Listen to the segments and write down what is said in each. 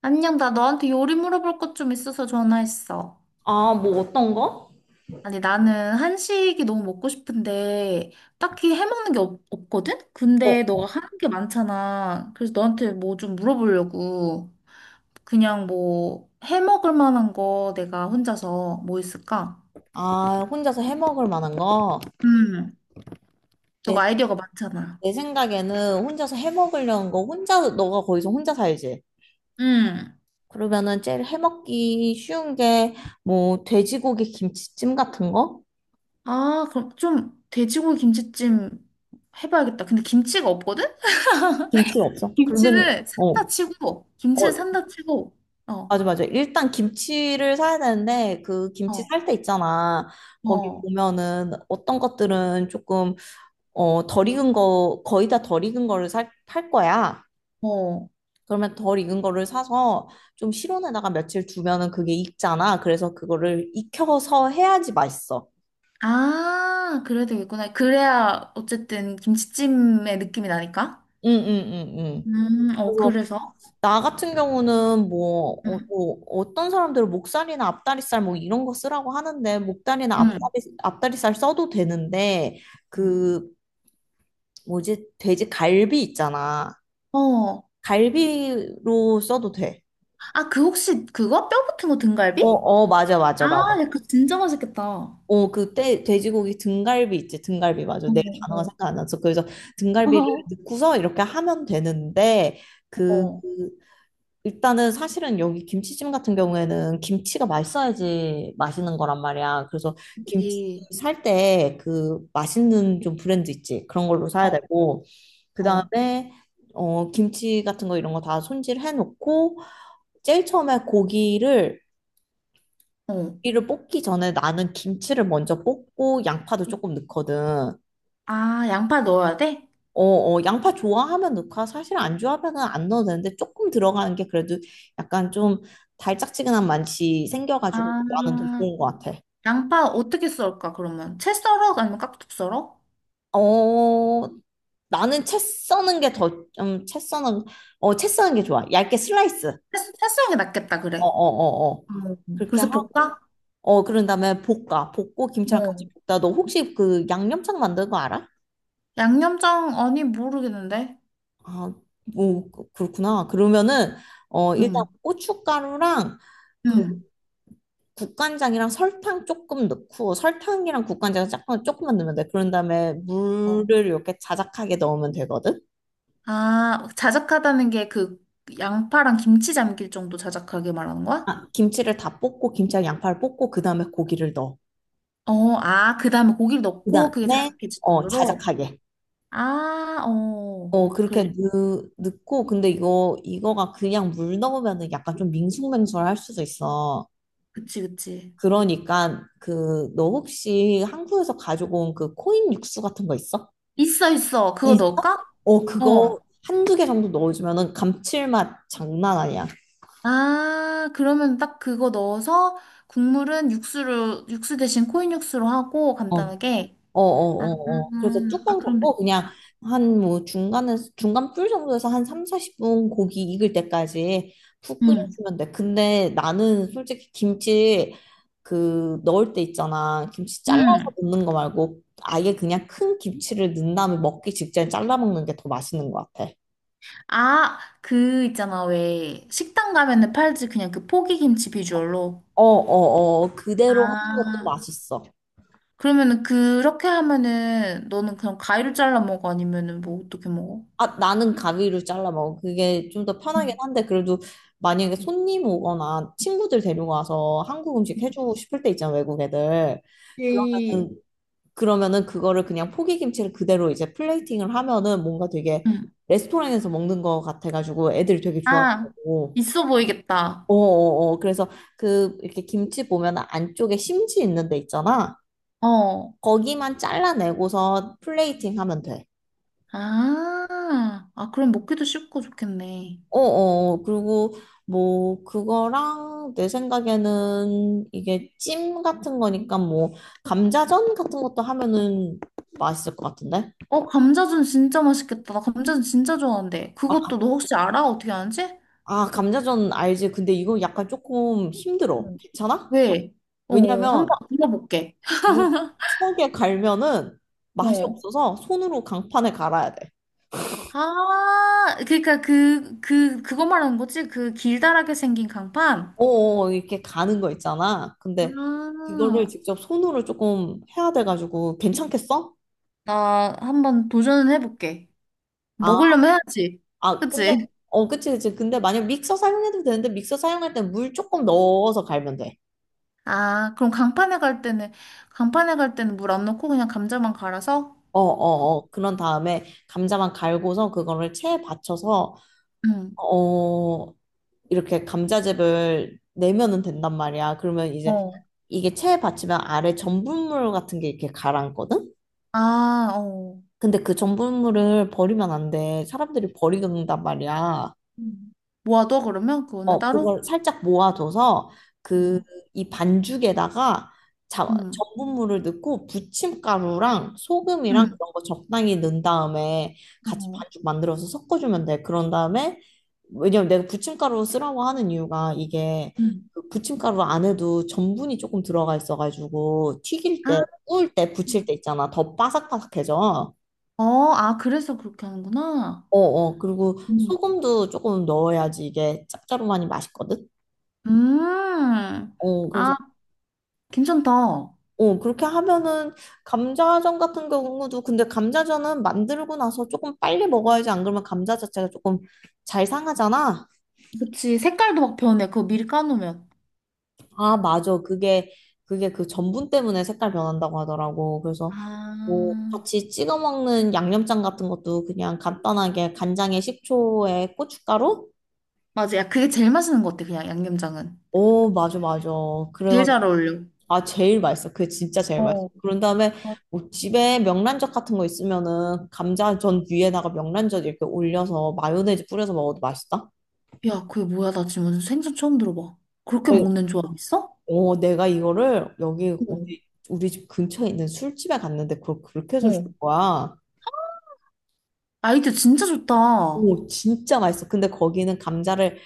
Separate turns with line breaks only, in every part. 안녕, 나 너한테 요리 물어볼 것 좀 있어서 전화했어.
아, 뭐 어떤 거?
아니, 나는 한식이 너무 먹고 싶은데, 딱히 해먹는 게 없거든?
어,
근데 너가 하는 게 많잖아. 그래서 너한테 뭐 좀 물어보려고. 그냥 뭐, 해먹을 만한 거 내가 혼자서 뭐 있을까?
아, 혼자서 해 먹을 만한 거?
음,
내,
너가 아이디어가 많잖아.
내 생각에는 혼자서 해 먹으려는 거, 혼자, 너가 거기서 혼자 살지?
음.
그러면은 제일 해 먹기 쉬운 게, 뭐, 돼지고기 김치찜 같은 거?
아, 그럼 좀 돼지고기 김치찜 해봐야겠다. 근데 김치가 없거든?
김치가 없어. 그러면,
김치는
어,
산다 치고, 김치는
어,
산다 치고, 어.
맞아, 맞아. 일단 김치를 사야 되는데, 그 김치
어.
살 때 있잖아. 거기
어,
보면은 어떤 것들은 조금, 덜 익은 거, 거의 다 덜 익은 거를 팔 거야.
어.
그러면 덜 익은 거를 사서 좀 실온에다가 며칠 두면은 그게 익잖아. 그래서 그거를 익혀서 해야지 맛있어.
아, 그래야 되겠구나. 그래야 어쨌든 김치찜의 느낌이 나니까.
응, 응, 응, 응.
어,
그래서
그래서.
나 같은 경우는 뭐,
음,
뭐 어떤 사람들은 목살이나 앞다리살 뭐 이런 거 쓰라고 하는데 목다리나
음.
앞다리살 써도 되는데 그 뭐지 돼지 갈비 있잖아.
어.
갈비로 써도 돼.
아, 그 혹시 그거? 뼈 붙은 거 등갈비?
어, 어, 맞아, 맞아, 맞아.
아, 야 그거 진짜 맛있겠다. 어,
어, 그때 돼지고기 등갈비 있지, 등갈비 맞아. 내 단어가
어,
생각 안 났어. 그래서 등갈비를 넣고서 이렇게 하면 되는데,
어,
그,
어.
그 일단은 사실은 여기 김치찜 같은 경우에는 김치가 맛있어야지 맛있는 거란 말이야. 그래서 김치
그치.
살 때 그 맛있는 좀 브랜드 있지. 그런 걸로 사야
어,
되고, 그
어,
다음에, 김치 같은 거 이런 거 다 손질해 놓고, 제일 처음에 고기를
어.
고기를 볶기 전에 나는 김치를 먼저 볶고 양파도 조금 넣거든.
아, 양파 넣어야 돼?
어, 어, 양파 좋아하면 넣고 아, 사실 안 좋아하면은 안 넣어도 되는데 조금 들어가는 게 그래도 약간 좀 달짝지근한 맛이 생겨가지고 나는 더
아,
좋은 것 같아.
양파 어떻게 썰까, 그러면? 채 썰어? 아니면 깍둑 썰어?
어, 나는 채 써는 게 더, 채 써는, 어, 채 써는 게 좋아. 얇게 슬라이스.
채 썰는 게 낫겠다,
어,
그래.
어, 어, 어. 그렇게
그래서
하고,
볶아?
그런 다음에 볶아. 볶고 김치랑
어.
같이 볶다. 너 혹시 그 양념장 만드는 거 알아?
양념장 아니 모르겠는데.
아, 뭐 그렇구나. 그러면은 일단
응.
고춧가루랑 그
응.
국간장이랑 설탕 조금 넣고 설탕이랑 국간장 조금만 넣으면 돼. 그런 다음에
어.
물을 이렇게 자작하게 넣으면 되거든.
아, 자작하다는 게 그 양파랑 김치 잠길 정도 자작하게 말하는 거야?
아, 김치를 다 볶고 김치랑 양파를 볶고 그다음에 고기를 넣어.
어, 아, 그다음에 고기를 넣고 그게
그다음에
자작해질 정도로.
자작하게.
아, 어.
어 그렇게
그래.
넣고 근데 이거가 그냥 물 넣으면은 약간 좀 밍숭맹숭할 수도 있어.
그치, 그치.
그러니까 그 너 혹시 한국에서 가지고 온 그 코인 육수 같은 거 있어?
있어, 있어. 그거
있어?
넣을까?
어
어.
그거 한 두 개 정도 넣어주면은 감칠맛 장난 아니야.
아, 그러면 딱 그거 넣어서 국물은 육수로 육수 대신 코인 육수로 하고
어
간단하게. 아,
어어어어. 그래서
아,
뚜껑
그럼 됐다.
덮고 그냥 한 뭐 중간 불 정도에서 한 3, 40분 고기 익을 때까지 푹
응.
끓여주면 돼. 근데 나는 솔직히 김치 그 넣을 때 있잖아. 김치 잘라서
응.
넣는 거 말고 아예 그냥 큰 김치를 넣은 다음에 먹기 직전에 잘라 먹는 게 더 맛있는 것 같아.
아, 그 있잖아. 왜 식당 가면은 팔지 그냥 그 포기김치 비주얼로.
어어어. 그대로 하는 것도
아,
맛있어.
그러면은 그렇게 하면은 너는 그냥 가위로 잘라 먹어? 아니면은 뭐 어떻게 먹어?
아, 나는 가위로 잘라 먹어. 그게 좀 더 편하긴
응
한데, 그래도 만약에 손님 오거나 친구들 데려가서 한국 음식 해주고 싶을 때 있잖아, 외국 애들.
이,
그러면은, 그러면은 그거를 그냥 포기김치를 그대로 이제 플레이팅을 하면은 뭔가 되게
응.
레스토랑에서 먹는 거 같아가지고 애들이 되게
아,
좋아하고.
있어 보이겠다.
어어어. 그래서 그 이렇게 김치 보면 안쪽에 심지 있는 데 있잖아.
어.
거기만 잘라내고서 플레이팅 하면 돼.
아, 아, 그럼 먹기도 쉽고 좋겠네.
어어, 그리고 뭐, 그거랑 내 생각에는 이게 찜 같은 거니까 뭐, 감자전 같은 것도 하면은 맛있을 것 같은데?
어, 감자전 진짜 맛있겠다. 나 감자전 진짜 좋아하는데.
아,
그것도 너 혹시 알아? 어떻게 하는지?
감자전 알지? 근데 이거 약간 조금 힘들어.
응
괜찮아?
왜? 어, 한번
왜냐면
물어볼게.
이거 석에 갈면은 맛이
어.
없어서 손으로 강판에 갈아야 돼.
아, 그러니까 그거 말하는 거지? 그 길다랗게 생긴 강판?
어어, 이렇게 가는 거 있잖아. 근데 그거를
아,
직접 손으로 조금 해야 돼가지고 괜찮겠어?
나 한번 도전은 해볼게.
아,
먹으려면 해야지.
아, 근데,
그치?
어, 그치, 그치. 근데 만약 믹서 사용해도 되는데, 믹서 사용할 때 물 조금 넣어서 갈면 돼.
아, 그럼 강판에 갈 때는, 강판에 갈 때는 물 안 넣고 그냥 감자만 갈아서?
어, 어, 어. 그런 다음에 감자만 갈고서 그거를 체에 받쳐서,
응.
어, 이렇게 감자즙을 내면은 된단 말이야. 그러면 이제
어.
이게 체에 받치면 아래 전분물 같은 게 이렇게 가라앉거든?
아, 어.
근데 그 전분물을 버리면 안 돼. 사람들이 버리는단 말이야.
음. 모아둬, 그러면? 그거는
어,
따로?
그걸 살짝 모아줘서 그
어.
이 반죽에다가 자,
응.
전분물을 넣고 부침가루랑 소금이랑
응.
그런 거 적당히 넣은 다음에 같이
어.
반죽 만들어서 섞어주면 돼. 그런 다음에 왜냐면 내가 부침가루 쓰라고 하는 이유가 이게
응.
그 부침가루 안에도 전분이 조금 들어가 있어가지고 튀길
아,
때, 구울 때, 부칠 때 있잖아. 더 바삭바삭해져.
어, 아, 그래서 그렇게 하는구나.
어어. 그리고
음.
소금도 조금 넣어야지 이게 짭짤하니 맛있거든.
음.
어, 그래서
아. 괜찮다.
그렇게 하면은 감자전 같은 경우도 근데 감자전은 만들고 나서 조금 빨리 먹어야지 안 그러면 감자 자체가 조금 잘 상하잖아.
그치. 색깔도 막 변해. 그거 미리 까놓으면.
아, 맞아. 그게 그 전분 때문에 색깔 변한다고 하더라고. 그래서 뭐
아,
같이 찍어 먹는 양념장 같은 것도 그냥 간단하게 간장에 식초에 고춧가루?
맞아. 야, 그게 제일 맛있는 것 같아. 그냥 양념장은.
오, 맞아, 맞아. 그래
제일 잘 어울려.
아, 제일 맛있어. 그게 진짜 제일 맛있어.
어,
그런 다음에
맞-
뭐 집에 명란젓 같은 거 있으면은 감자전 위에다가 명란젓 이렇게 올려서 마요네즈 뿌려서 먹어도 맛있다.
야, 그게 뭐야? 나 지금 완전 생선 처음 들어봐. 그렇게
네.
먹는 조합 있어?
어, 내가 이거를 여기
응,
우리 집 근처에 있는 술집에 갔는데 그걸 그렇게 해서 준
어.
거야.
아이디어 진짜 좋다.
오, 진짜 맛있어. 근데 거기는 감자를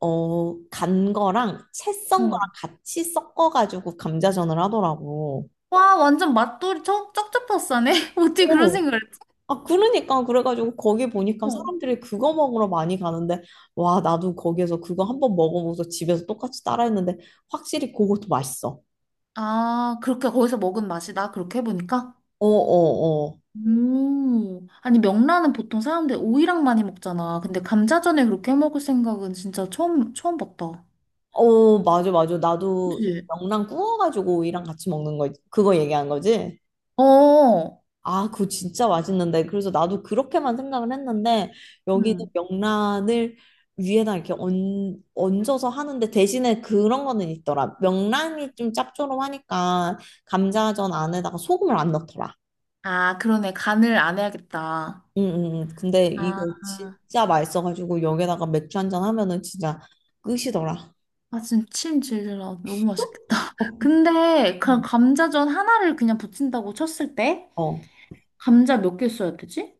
간 거랑 채
응
썬 거랑 같이 섞어가지고 감자전을 하더라고.
와, 응. 완전 맛돌이 쩍, 쩍쩍 었싸네 어떻게 그런
어,
생각을 했지?
아, 그러니까 그래가지고 거기 보니까
어.
사람들이 그거 먹으러 많이 가는데 와, 나도 거기에서 그거 한 번 먹어보고서 집에서 똑같이 따라했는데 확실히 그것도 맛있어.
아, 그렇게 거기서 먹은 맛이다. 그렇게 해보니까?
어, 어, 어.
음. 아니, 명란은 보통 사람들 오이랑 많이 먹잖아. 근데 감자전에 그렇게 해 먹을 생각은 진짜 처음, 처음 봤다.
어, 맞아, 맞아. 나도 이렇게
그치?
명란 구워가지고 오이랑 같이 먹는 거, 그거 얘기한 거지?
어.
아, 그거 진짜 맛있는데. 그래서 나도 그렇게만 생각을 했는데, 여기는
응.
명란을 위에다 이렇게 얹어서 하는데, 대신에 그런 거는 있더라. 명란이 좀 짭조름하니까, 감자전 안에다가 소금을 안 넣더라.
아, 그러네. 간을 안 해야겠다.
응, 응, 응. 근데
아,
이거 진짜 맛있어가지고, 여기다가 맥주 한 잔 하면은 진짜 끝이더라.
아 지금 침 질질 나. 너무 맛있겠다. 근데 그냥
음.
감자전 하나를 그냥 부친다고 쳤을 때
어.
감자 몇 개 써야 되지?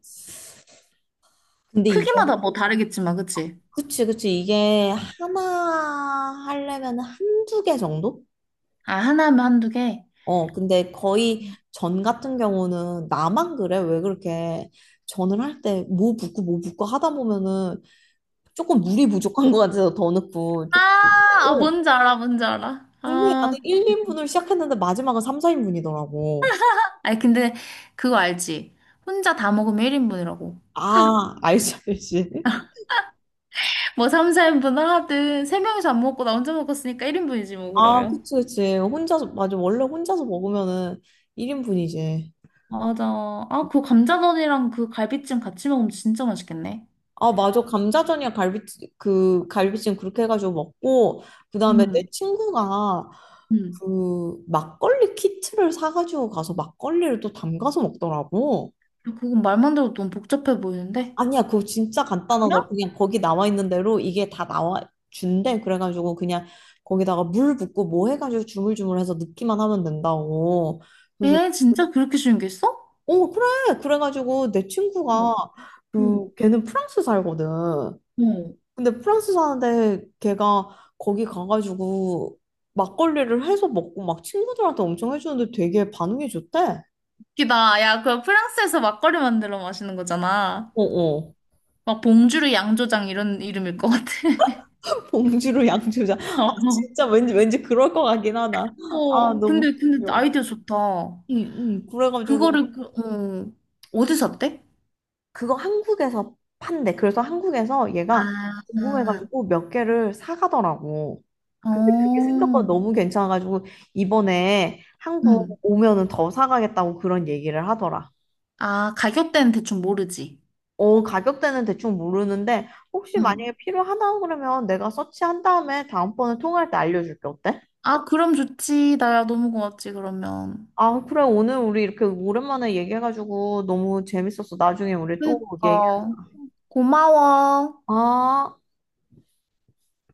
근데
크기마다 뭐 다르겠지만, 그치?
그치, 그치. 이게
어.
하나 하려면 한두 개 정도?
아, 하나면 한두 개?
어, 근데 거의
응.
전 같은 경우는 나만 그래? 왜 그렇게 전을 할 때 뭐 붓고 뭐 붓고 하다 보면은 조금 물이 부족한 것 같아서 더 넣고 조금
아,
어,
아, 뭔지 알아, 뭔지 알아.
분명히 나는
아,
1, 인분을 시작했는데 마지막은 3, 4인분이더라고.
아니, 근데 그거 알지? 혼자 다 먹으면 1인분이라고.
아, 알지, 알지.
뭐 3, 4인분을 하든, 세 명이서 안 먹고 나 혼자 먹었으니까 1인분이지, 뭐,
아,
그러면.
그치, 그치. 혼자서, 맞아. 원래 혼자서 먹으면은 1인분이지.
맞아. 아, 그 감자전이랑 그 갈비찜 같이 먹으면 진짜 맛있겠네.
아, 맞아. 감자전이랑 갈비찜 그렇게 해가지고 먹고, 그 다음에 내
음,
친구가
음.
그 막걸리 키트를 사가지고 가서 막걸리를 또 담가서 먹더라고.
그건 말만 들어도 너무 복잡해 보이는데?
아니야, 그거 진짜 간단하더라.
아니야?
그냥 거기 나와 있는 대로 이게 다 나와 준대. 그래가지고 그냥 거기다가 물 붓고 뭐 해가지고 주물주물해서 넣기만 하면 된다고. 그래서,
에, 진짜 그렇게 쉬운 게 있어?
어, 그래. 그래가지고 내
응,
친구가
응,
걔는 프랑스 살거든.
응.
근데 프랑스 사는데 걔가 거기 가가지고 막걸리를 해서 먹고 막 친구들한테 엄청 해주는데 되게 반응이 좋대.
웃기다. 야, 그거 프랑스에서 막걸리 만들어 마시는 거잖아.
어어.
막 봉주르 양조장 이런 이름일 것 같아.
봉지로 양주자. 아 진짜 왠지 그럴 것 같긴 하다.
어,
아
어,
너무
근데
귀여워.
아이디어 좋다.
응응. 그래가지고
그거를 그, 어, 어디서 샀대?
그거 한국에서 판대. 그래서 한국에서 얘가
아,
궁금해가지고 몇 개를 사가더라고. 근데 그게 생각보다
어,
너무 괜찮아가지고 이번에
응.
한국 오면은 더 사가겠다고 그런 얘기를 하더라.
아, 가격대는 대충 모르지.
어, 가격대는 대충 모르는데 혹시
응.
만약에 필요하다 그러면 내가 서치한 다음에 다음번에 통화할 때 알려줄게. 어때?
아, 그럼 좋지. 나야 너무 고맙지, 그러면.
아, 그래. 오늘 우리 이렇게 오랜만에 얘기해가지고 너무 재밌었어. 나중에 우리 또 얘기.
그니까. 고마워.
아.